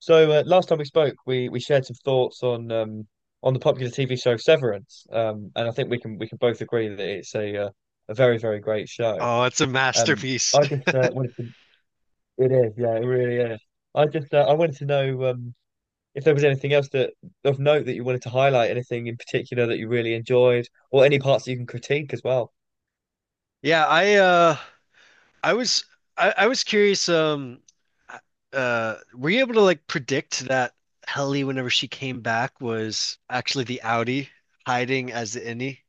Last time we spoke, we shared some thoughts on the popular TV show Severance, and I think we can both agree that it's a very great show. Oh, it's a masterpiece. I just wanted to. It is, yeah, it really is. I wanted to know if there was anything else that of note that you wanted to highlight, anything in particular that you really enjoyed, or any parts that you can critique as well. Yeah, I was I was curious, were you able to like predict that Helly whenever she came back was actually the Audi hiding as the innie?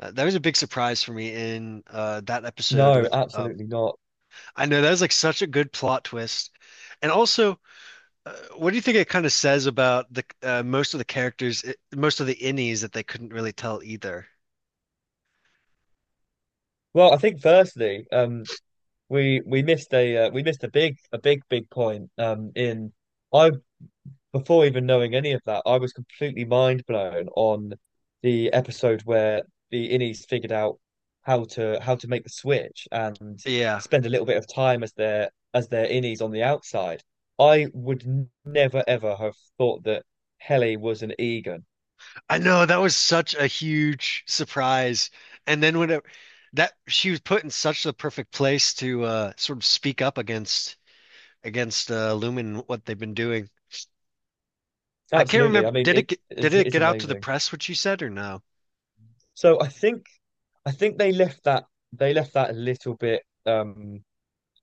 That was a big surprise for me in that episode No, with. Absolutely not. I know that was like such a good plot twist. And also, what do you think it kind of says about the most of the characters, most of the innies that they couldn't really tell either? Well, I think firstly, we missed a we missed a big point in. I Before even knowing any of that, I was completely mind blown on the episode where the Innies figured out how to make the switch and Yeah. spend a little bit of time as their Innies on the outside. I would never ever have thought that Helly was an Egan. I know that was such a huge surprise. And then when that she was put in such the perfect place to sort of speak up against Lumen and what they've been doing. I can't Absolutely. remember, I mean, did it get, did it it's get out to the amazing. press what she said or no? So I think they left that a little bit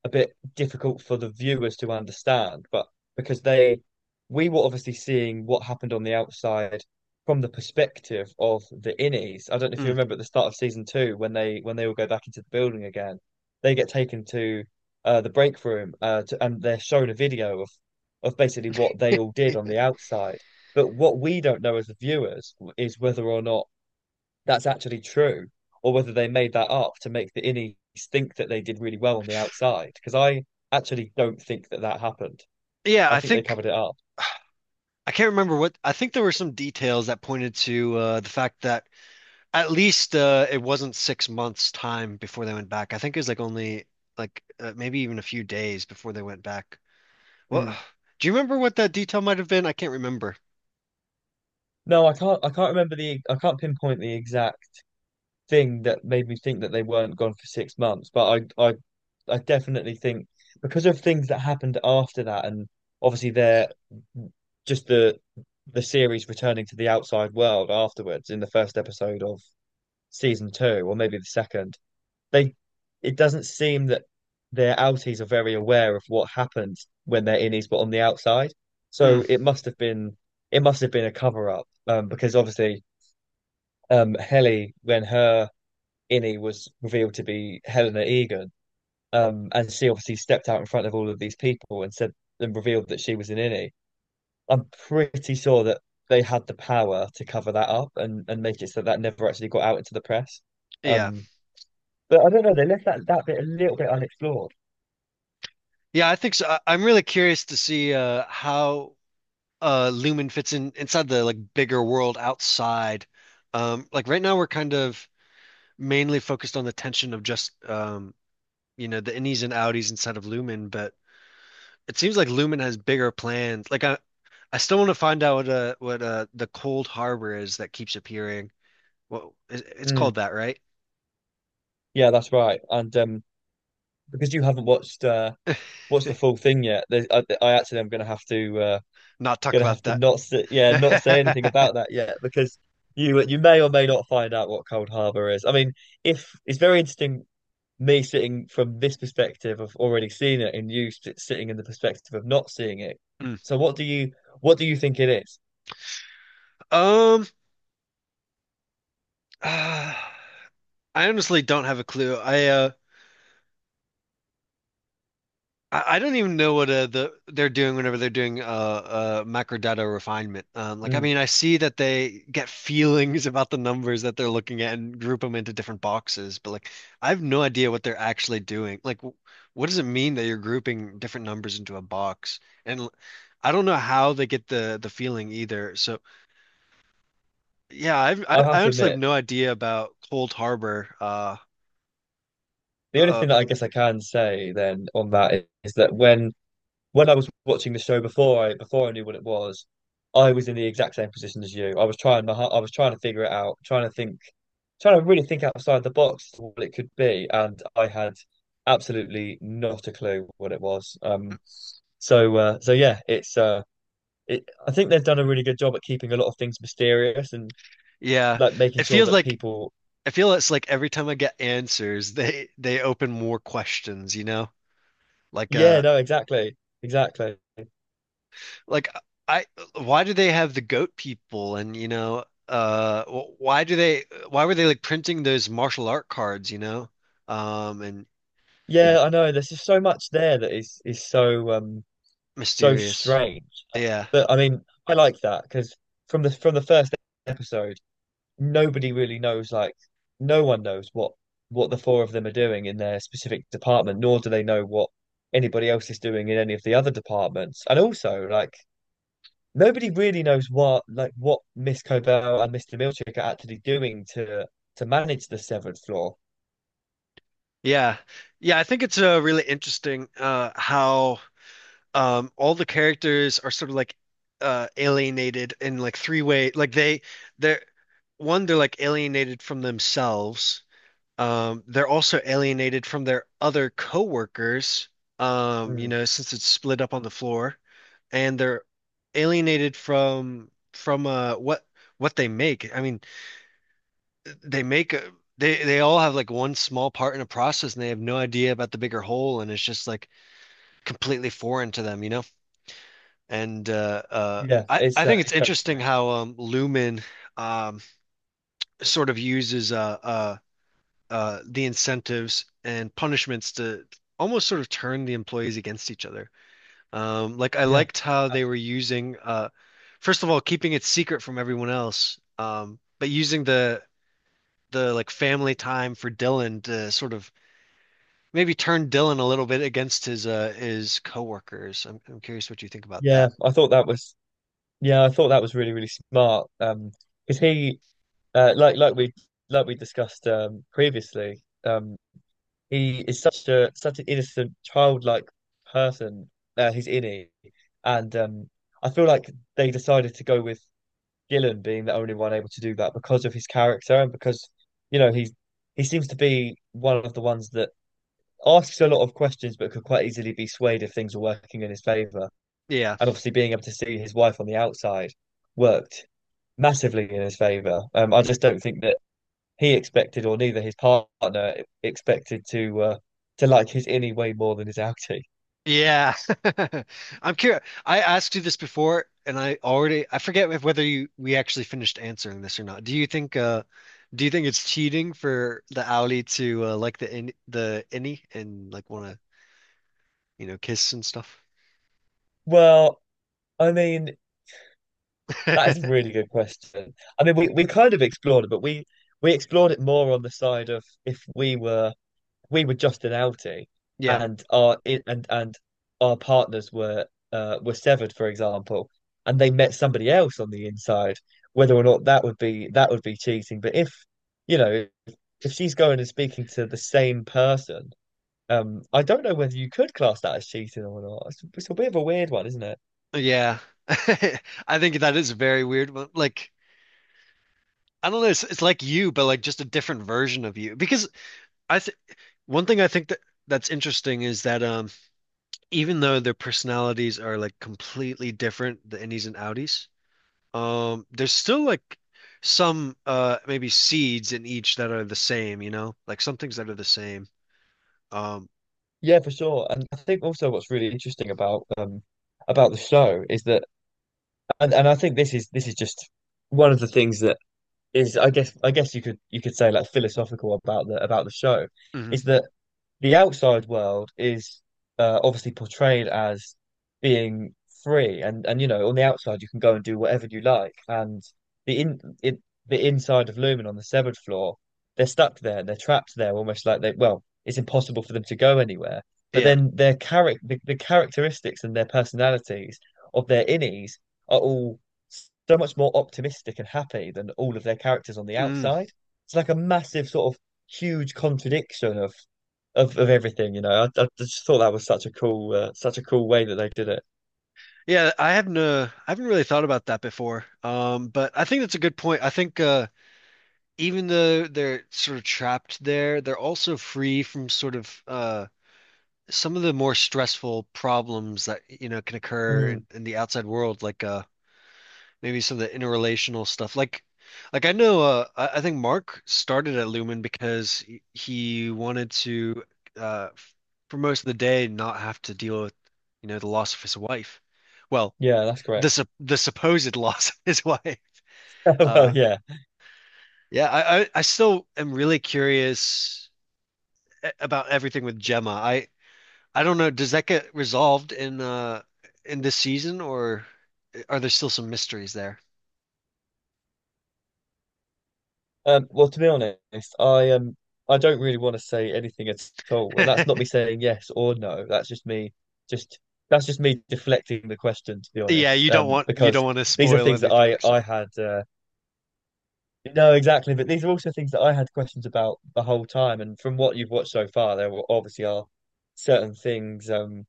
a bit difficult for the viewers to understand, but because they we were obviously seeing what happened on the outside from the perspective of the innies. I don't know if you Mm. remember at the start of season two when they all go back into the building again, they get taken to the break room and they're shown a video of basically what they all did on the outside. But what we don't know as the viewers is whether or not that's actually true, or whether they made that up to make the innies think that they did really well on the outside. Because I actually don't think that that happened. Yeah, I I think they think covered it up. I can't remember what I think there were some details that pointed to the fact that at least it wasn't 6 months time before they went back. I think it was like only like maybe even a few days before they went back. Well, Mm. do you remember what that detail might have been? I can't remember. No, I can't. I can't remember the. I can't pinpoint the exact thing that made me think that they weren't gone for 6 months. But I definitely think because of things that happened after that, and obviously they're just the series returning to the outside world afterwards in the first episode of season two, or maybe the second. They It doesn't seem that their outies are very aware of what happens when they're innies but on the outside. Mm, So it must have been it must have been a cover up, because obviously Heli when her innie was revealed to be Helena Egan, and she obviously stepped out in front of all of these people and said and revealed that she was an innie. I'm pretty sure that they had the power to cover that up and make it so that never actually got out into the press. yeah. Um, but I don't know, they left that bit a little bit unexplored. Yeah, I think so. I'm really curious to see how Lumen fits in inside the like bigger world outside. Like right now we're kind of mainly focused on the tension of just the innies and outies inside of Lumen, but it seems like Lumen has bigger plans. Like I still want to find out what the Cold Harbor is that keeps appearing. Well, it's Mm, called that, right? yeah, that's right. And because you haven't watched the full thing yet, I actually am going to have to Not talk going to about have to not say, yeah not say anything that. about that yet because you may or may not find out what Cold Harbor is. I mean, if it's very interesting me sitting from this perspective of already seeing it and you sitting in the perspective of not seeing it. So what do you think it is? Um, uh, I honestly don't have a clue. I don't even know what they're doing whenever they're doing macrodata refinement. Like I Mm, mean, I see that they get feelings about the numbers that they're looking at and group them into different boxes, but like I have no idea what they're actually doing. Like, what does it mean that you're grouping different numbers into a box? And I don't know how they get the feeling either. So yeah, I've, I I have I to honestly have admit, no idea about Cold Harbor. The only uh. thing that I guess I can say then on that is that when I was watching the show before I knew what it was, I was in the exact same position as you. I was trying my I was trying to figure it out, trying to think, trying to really think outside the box what it could be, and I had absolutely not a clue what it was. So yeah, I think they've done a really good job at keeping a lot of things mysterious and Yeah. like making It sure feels that like people, I feel it's like every time I get answers, they open more questions, you know? Like yeah, uh no, exactly, exactly. Yeah. like I why do they have the goat people? And why were they like printing those martial art cards, you know? And Yeah, I know. There's just so much there that is so so mysterious. strange. Yeah. But I mean, I like that because from the first episode, nobody really knows like no one knows what the four of them are doing in their specific department, nor do they know what anybody else is doing in any of the other departments. And also, like nobody really knows what like what Miss Cobell and Mr. Milchick are actually doing to manage the severed floor. Yeah. Yeah, I think it's really interesting how all the characters are sort of like alienated in like three way, like they're one, they're like alienated from themselves, they're also alienated from their other coworkers, Mm. Since it's split up on the floor, and they're alienated from what they make. I mean, they make a, they all have like one small part in a process and they have no idea about the bigger whole, and it's just like completely foreign to them. And uh, uh, Yeah, I I think it's it's very interesting strange. how Lumen um, sort of uses the incentives and punishments to almost sort of turn the employees against each other. Like I Yeah, liked how they abs- were using first of all keeping it secret from everyone else, but using the like family time for Dylan to sort of maybe turn Dylan a little bit against his coworkers. I'm curious what you think about yeah. that. I thought that was yeah, I thought that was really smart. Because he like like we discussed, he is such a such an innocent, childlike person. He's innie, and I feel like they decided to go with Gillen being the only one able to do that because of his character and because you know he's he seems to be one of the ones that asks a lot of questions but could quite easily be swayed if things are working in his favor. Yeah. And obviously, being able to see his wife on the outside worked massively in his favor. I just don't think that he expected, or neither his partner expected to like his innie way more than his outie? Yeah. I'm curious. I asked you this before and I forget if whether you we actually finished answering this or not. Do you think it's cheating for the Auli to like the innie and like want to kiss and stuff? Well, I mean, that is a really good question. I mean, we kind of explored it, but we explored it more on the side of if we were just an outie Yeah. and our I- and our partners were severed, for example, and they met somebody else on the inside, whether or not that would be cheating. But if you know if she's going and speaking to the same person. I don't know whether you could class that as cheating or not. It's a bit of a weird one, isn't it? Yeah. I think that is very weird. But like I don't know, it's like you but like just a different version of you, because I th one thing I think that that's interesting is that even though their personalities are like completely different, the innies and outies, there's still like some maybe seeds in each that are the same, you know? Like some things that are the same. Um, Yeah, for sure. And I think also what's really interesting about the show is that, and I think this is just one of the things that is, I guess you could say like philosophical about the show, mhm. is that the outside world is obviously portrayed as being free and you know on the outside you can go and do whatever you like and the in it, the inside of Lumen on the severed floor, they're stuck there, they're trapped there, almost like they, well it's impossible for them to go anywhere, but Yeah. then their character, the characteristics and their personalities of their innies are all so much more optimistic and happy than all of their characters on the Mm. outside. It's like a massive sort of huge contradiction of everything. You know, I just thought that was such a cool way that they did it. Yeah, I haven't really thought about that before. But I think that's a good point. I think even though they're sort of trapped there, they're also free from sort of some of the more stressful problems that can occur in, Mm, in the outside world, like maybe some of the interrelational stuff. Like, I know, I think Mark started at Lumen because he wanted to, uh, f- for most of the day, not have to deal with, the loss of his wife. Well, yeah, that's the correct. sup- the supposed loss of his wife. Well, Uh, yeah. yeah, I still am really curious about everything with Gemma. I don't know. Does that get resolved in this season, or are there still some mysteries there? Well, to be honest, I um, I don't really want to say anything at all, and that's not me saying yes or no. Just that's just me deflecting the question, to be Yeah, honest. you don't want you don't Because want to these are spoil things that anything. I So, had. No, exactly, but these are also things that I had questions about the whole time, and from what you've watched so far, obviously are certain things.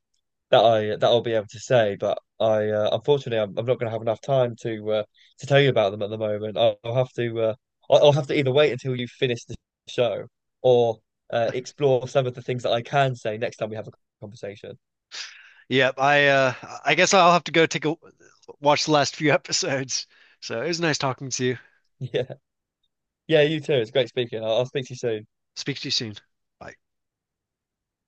That I'll be able to say, but I unfortunately I'm not going to have enough time to tell you about them at the moment. I'll have to I'll have to either wait until you finish the show or explore some of the things that I can say next time we have a conversation. yeah, I guess I'll have to go take a watch the last few episodes. So, it was nice talking to you. Yeah, yeah, you too. It's great speaking. I'll speak to you soon. Speak to you soon. Bye.